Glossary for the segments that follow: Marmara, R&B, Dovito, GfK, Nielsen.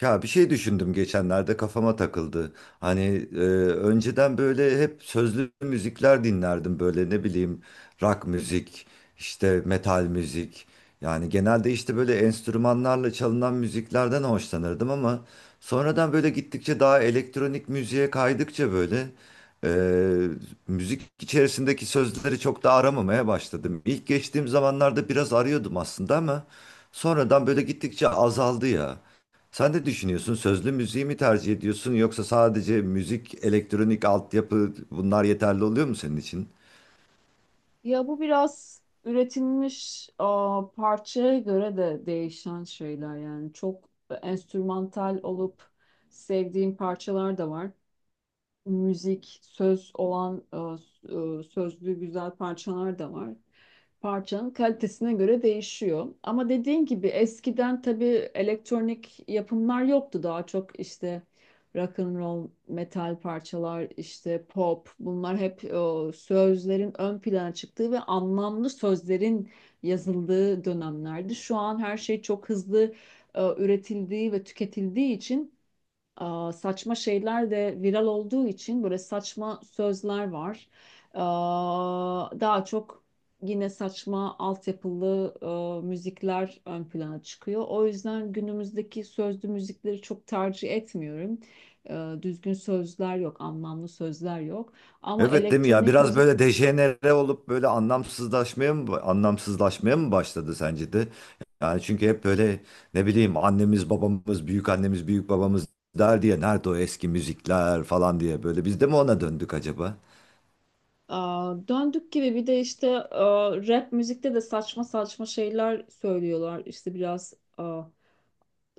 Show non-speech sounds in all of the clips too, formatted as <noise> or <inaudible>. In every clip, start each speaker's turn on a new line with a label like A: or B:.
A: Ya bir şey düşündüm geçenlerde kafama takıldı. Hani e, önceden böyle hep sözlü müzikler dinlerdim böyle ne bileyim rock müzik, işte metal müzik. Yani genelde işte böyle enstrümanlarla çalınan müziklerden hoşlanırdım ama sonradan böyle gittikçe daha elektronik müziğe kaydıkça böyle e, müzik içerisindeki sözleri çok da aramamaya başladım. İlk geçtiğim zamanlarda biraz arıyordum aslında ama sonradan böyle gittikçe azaldı ya. Sen de düşünüyorsun sözlü müziği mi tercih ediyorsun yoksa sadece müzik, elektronik altyapı bunlar yeterli oluyor mu senin için?
B: Ya bu biraz üretilmiş parçaya göre de değişen şeyler, yani çok enstrümantal olup sevdiğim parçalar da var, müzik, söz olan sözlü güzel parçalar da var. Parçanın kalitesine göre değişiyor. Ama dediğin gibi eskiden tabii elektronik yapımlar yoktu. Daha çok işte rock and roll, metal parçalar, işte pop, bunlar hep sözlerin ön plana çıktığı ve anlamlı sözlerin yazıldığı dönemlerdi. Şu an her şey çok hızlı üretildiği ve tüketildiği için saçma şeyler de viral olduğu için böyle saçma sözler var. Daha çok yine saçma altyapılı müzikler ön plana çıkıyor. O yüzden günümüzdeki sözlü müzikleri çok tercih etmiyorum. Düzgün sözler yok, anlamlı sözler yok. Ama
A: Evet değil mi ya
B: elektronik
A: biraz
B: müzik.
A: böyle dejenere olup böyle anlamsızlaşmaya mı başladı sence de? Yani çünkü hep böyle ne bileyim annemiz babamız büyük annemiz büyük babamız der diye nerede o eski müzikler falan diye böyle biz de mi ona döndük acaba?
B: Döndük gibi, bir de işte rap müzikte de saçma saçma şeyler söylüyorlar. İşte biraz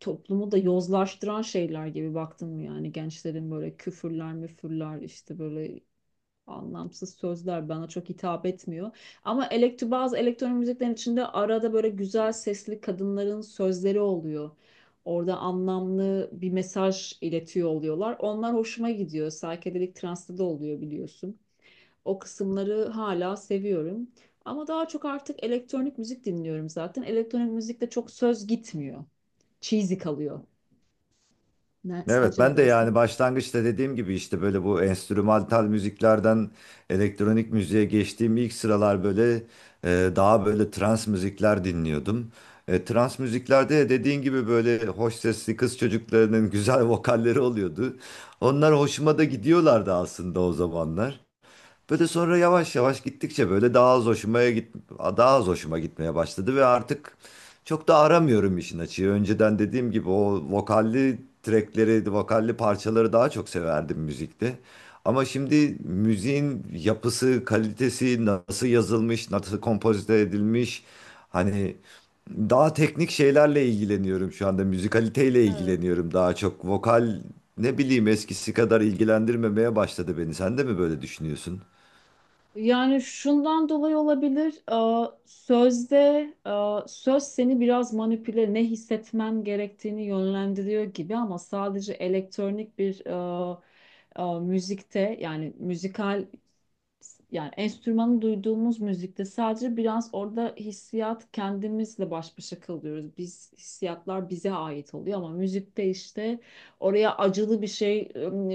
B: toplumu da yozlaştıran şeyler gibi baktın mı, yani gençlerin böyle küfürler müfürler, işte böyle anlamsız sözler bana çok hitap etmiyor. Ama elektro, bazı elektronik müziklerin içinde arada böyle güzel sesli kadınların sözleri oluyor. Orada anlamlı bir mesaj iletiyor oluyorlar. Onlar hoşuma gidiyor. Psychedelic trance'da da oluyor, biliyorsun. O kısımları hala seviyorum. Ama daha çok artık elektronik müzik dinliyorum zaten. Elektronik müzikte çok söz gitmiyor, cheesy kalıyor. Ne,
A: Evet
B: sence ne
A: ben de
B: dersin?
A: yani başlangıçta dediğim gibi işte böyle bu enstrümantal müziklerden elektronik müziğe geçtiğim ilk sıralar böyle daha böyle trans müzikler dinliyordum. Trans müziklerde de dediğin gibi böyle hoş sesli kız çocuklarının <laughs> güzel vokalleri oluyordu. Onlar hoşuma da gidiyorlardı aslında o zamanlar. Böyle sonra yavaş yavaş gittikçe böyle daha az hoşuma gitmeye başladı ve artık çok da aramıyorum işin açığı. Önceden dediğim gibi o vokalli trackleri, vokalli parçaları daha çok severdim müzikte. Ama şimdi müziğin yapısı, kalitesi, nasıl yazılmış, nasıl kompozite edilmiş, hani daha teknik şeylerle ilgileniyorum şu anda. Müzikaliteyle
B: Evet.
A: ilgileniyorum daha çok. Vokal ne bileyim eskisi kadar ilgilendirmemeye başladı beni. Sen de mi böyle düşünüyorsun?
B: Yani şundan dolayı olabilir. Sözde söz seni biraz manipüle, ne hissetmen gerektiğini yönlendiriyor gibi, ama sadece elektronik bir müzikte, yani müzikal, yani enstrümanı duyduğumuz müzikte sadece biraz orada hissiyat, kendimizle baş başa kalıyoruz. Biz hissiyatlar bize ait oluyor, ama müzikte işte oraya acılı bir şey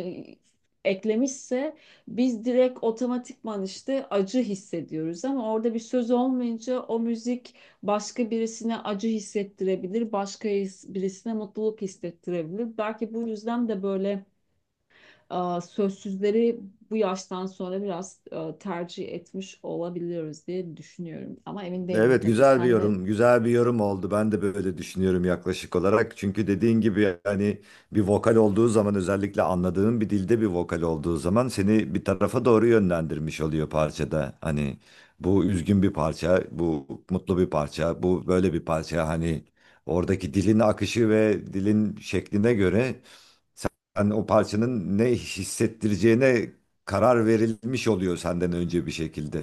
B: eklemişse biz direkt otomatikman işte acı hissediyoruz, ama orada bir söz olmayınca o müzik başka birisine acı hissettirebilir, başka birisine mutluluk hissettirebilir. Belki bu yüzden de böyle sözsüzleri bu yaştan sonra biraz tercih etmiş olabiliyoruz diye düşünüyorum. Ama emin değilim
A: Evet,
B: tabii.
A: güzel bir
B: Sen ne.
A: yorum, güzel bir yorum oldu. Ben de böyle düşünüyorum yaklaşık olarak. Çünkü dediğin gibi hani bir vokal olduğu zaman özellikle anladığın bir dilde bir vokal olduğu zaman seni bir tarafa doğru yönlendirmiş oluyor parçada. Hani bu üzgün bir parça, bu mutlu bir parça, bu böyle bir parça. Hani oradaki dilin akışı ve dilin şekline göre hani o parçanın ne hissettireceğine karar verilmiş oluyor senden önce bir şekilde.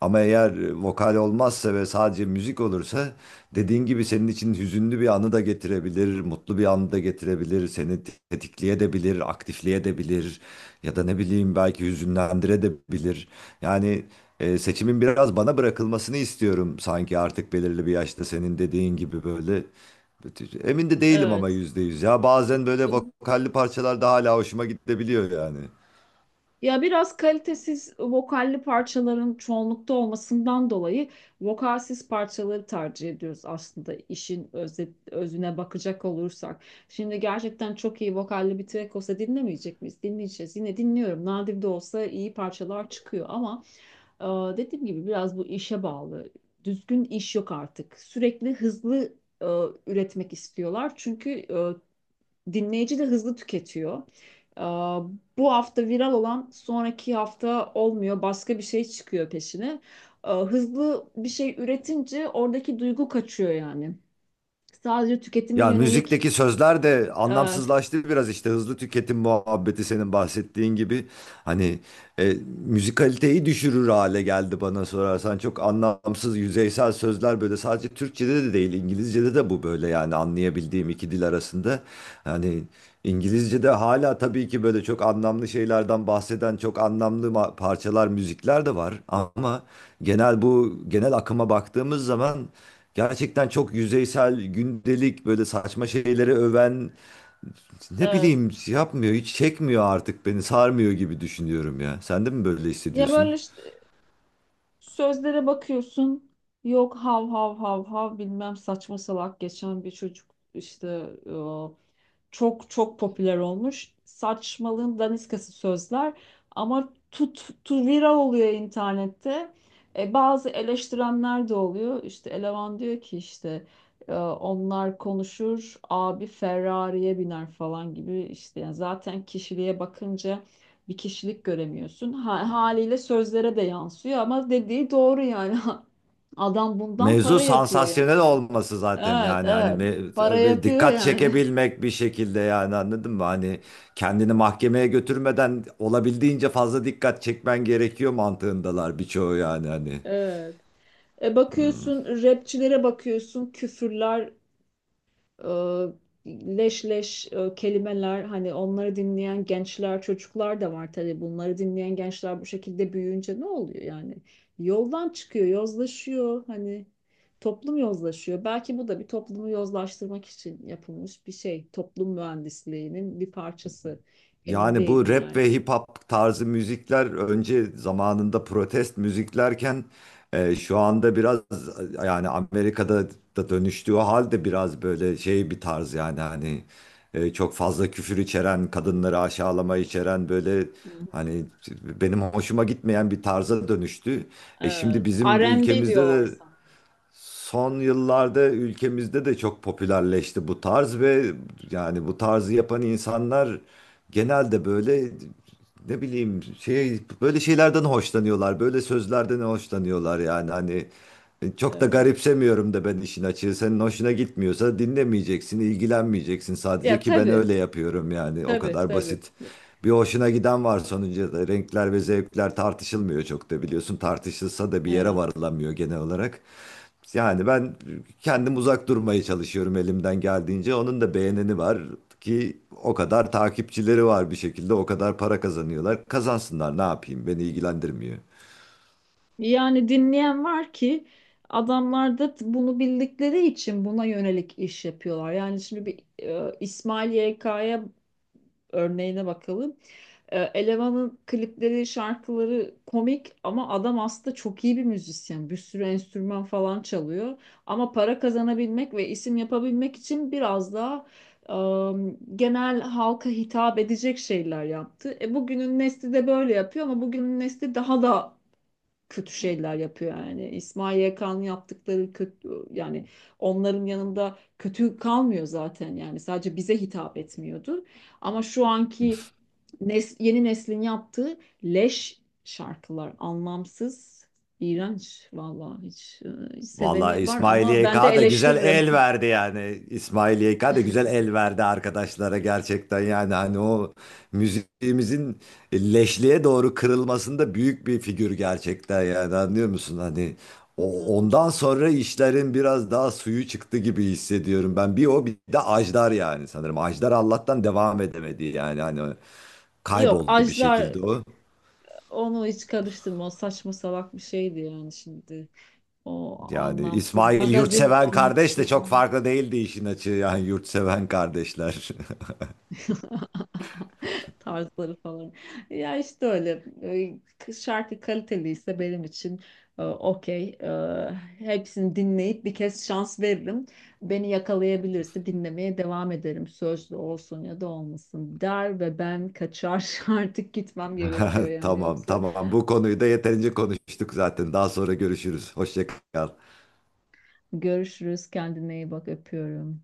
A: Ama eğer vokal olmazsa ve sadece müzik olursa dediğin gibi senin için hüzünlü bir anı da getirebilir, mutlu bir anı da getirebilir, seni tetikleyebilir, aktifleyebilir ya da ne bileyim belki hüzünlendirebilir. Yani seçimin biraz bana bırakılmasını istiyorum sanki artık belirli bir yaşta senin dediğin gibi böyle. Emin de değilim ama
B: Evet.
A: %100. Ya bazen böyle vokalli parçalar da hala hoşuma gidebiliyor yani.
B: Ya biraz kalitesiz vokalli parçaların çoğunlukta olmasından dolayı vokalsiz parçaları tercih ediyoruz aslında, işin özüne bakacak olursak. Şimdi gerçekten çok iyi vokalli bir track olsa dinlemeyecek miyiz? Dinleyeceğiz. Yine dinliyorum. Nadir de olsa iyi parçalar çıkıyor, ama dediğim gibi biraz bu işe bağlı. Düzgün iş yok artık. Sürekli hızlı e, üretmek istiyorlar. Çünkü dinleyici de hızlı tüketiyor. Aa, Bu hafta viral olan sonraki hafta olmuyor. Başka bir şey çıkıyor peşine. Hızlı bir şey üretince oradaki duygu kaçıyor yani. Sadece tüketime
A: Ya
B: yönelik.
A: müzikteki sözler de
B: Evet,
A: anlamsızlaştı biraz işte hızlı tüketim muhabbeti senin bahsettiğin gibi. Hani e, müzikaliteyi düşürür hale geldi bana sorarsan. Çok anlamsız, yüzeysel sözler böyle sadece Türkçe'de de değil, İngilizce'de de bu böyle yani anlayabildiğim iki dil arasında. Hani İngilizce'de hala tabii ki böyle çok anlamlı şeylerden bahseden çok anlamlı parçalar, müzikler de var. Ama bu genel akıma baktığımız zaman gerçekten çok yüzeysel, gündelik böyle saçma şeyleri öven ne
B: evet.
A: bileyim yapmıyor, hiç çekmiyor artık beni, sarmıyor gibi düşünüyorum ya. Sen de mi böyle
B: Ya
A: hissediyorsun?
B: böyle işte sözlere bakıyorsun. Yok, hav hav hav hav bilmem, saçma salak geçen bir çocuk işte çok çok popüler olmuş. Saçmalığın daniskası sözler, ama tu, viral oluyor internette. E, bazı eleştirenler de oluyor. İşte eleman diyor ki, işte onlar konuşur, abi Ferrari'ye biner falan gibi, işte yani zaten kişiliğe bakınca bir kişilik göremiyorsun. Haliyle sözlere de yansıyor, ama dediği doğru yani. <laughs> Adam bundan
A: Mevzu
B: para yapıyor
A: sansasyonel
B: yani.
A: olması zaten
B: Evet,
A: yani hani
B: evet. Para
A: ve
B: yapıyor
A: dikkat
B: yani.
A: çekebilmek bir şekilde yani anladın mı? Hani kendini mahkemeye götürmeden olabildiğince fazla dikkat çekmen gerekiyor mantığındalar birçoğu yani hani.
B: <laughs> Evet. E, bakıyorsun rapçilere, bakıyorsun küfürler, e, leş leş kelimeler, hani onları dinleyen gençler, çocuklar da var tabii, bunları dinleyen gençler bu şekilde büyüyünce ne oluyor yani, yoldan çıkıyor, yozlaşıyor, hani toplum yozlaşıyor, belki bu da bir toplumu yozlaştırmak için yapılmış bir şey, toplum mühendisliğinin bir parçası. Emin
A: Yani bu
B: değilim
A: rap
B: yani.
A: ve hip hop tarzı müzikler önce zamanında protest müziklerken şu anda biraz yani Amerika'da da dönüştüğü halde biraz böyle şey bir tarz yani hani çok fazla küfür içeren, kadınları aşağılama içeren böyle
B: Hı hı.
A: hani benim hoşuma gitmeyen bir tarza dönüştü. Şimdi
B: Evet.
A: bizim
B: R&B
A: ülkemizde
B: diyorlar
A: de
B: sana.
A: son yıllarda ülkemizde de çok popülerleşti bu tarz ve yani bu tarzı yapan insanlar genelde böyle ne bileyim şey böyle şeylerden hoşlanıyorlar. Böyle sözlerden hoşlanıyorlar yani hani çok da
B: Evet.
A: garipsemiyorum da ben işin açığı. Senin hoşuna gitmiyorsa dinlemeyeceksin, ilgilenmeyeceksin sadece
B: Ya
A: ki ben
B: tabii.
A: öyle yapıyorum yani o
B: Tabii
A: kadar
B: tabii.
A: basit. Bir hoşuna giden var sonucu renkler ve zevkler tartışılmıyor çok da biliyorsun tartışılsa da bir yere
B: Evet.
A: varılamıyor genel olarak. Yani ben kendim uzak durmaya çalışıyorum elimden geldiğince. Onun da beğeneni var ki o kadar takipçileri var bir şekilde, o kadar para kazanıyorlar. Kazansınlar ne yapayım beni ilgilendirmiyor.
B: Yani dinleyen var ki adamlar da bunu bildikleri için buna yönelik iş yapıyorlar. Yani şimdi bir İsmail YK'ya örneğine bakalım. E, elemanın klipleri, şarkıları komik, ama adam aslında çok iyi bir müzisyen. Bir sürü enstrüman falan çalıyor. Ama para kazanabilmek ve isim yapabilmek için biraz daha genel halka hitap edecek şeyler yaptı. E, bugünün nesli de böyle yapıyor, ama bugünün nesli daha da kötü şeyler yapıyor yani. İsmail Yakan'ın yaptıkları kötü yani, onların yanında kötü kalmıyor zaten yani, sadece bize hitap etmiyordu. Ama şu anki yeni neslin yaptığı leş şarkılar anlamsız, iğrenç vallahi, hiç,
A: Vallahi
B: seveni var
A: İsmail
B: ama
A: Y
B: ben de
A: K da güzel
B: eleştiririm.
A: el verdi yani. İsmail YK da güzel el verdi arkadaşlara gerçekten yani hani o müziğimizin leşliğe doğru kırılmasında büyük bir figür gerçekten yani anlıyor musun hani
B: <laughs>
A: ondan sonra işlerin biraz daha suyu çıktı gibi hissediyorum ben bir o bir de Ajdar yani sanırım Ajdar Allah'tan devam edemedi yani hani
B: Yok,
A: kayboldu bir
B: Ajdar
A: şekilde o.
B: onu hiç karıştırma. O saçma salak bir şeydi yani şimdi. O
A: Yani
B: anlamsız
A: İsmail
B: magazin
A: yurtseven
B: olmak
A: kardeş de
B: istiyor.
A: çok farklı değildi işin açığı yani yurtseven kardeşler.
B: <laughs> tarzları falan. Ya işte öyle. Şarkı kaliteliyse benim için okey. Hepsini dinleyip bir kez şans veririm. Beni yakalayabilirse dinlemeye devam ederim. Sözlü olsun ya da olmasın, der ve ben kaçar. <laughs> Artık gitmem gerekiyor
A: <laughs>
B: yani.
A: Tamam
B: Yoksa
A: tamam, bu konuyu da yeterince konuştuk zaten. Daha sonra görüşürüz. Hoşça kal.
B: görüşürüz. Kendine iyi bak. Öpüyorum.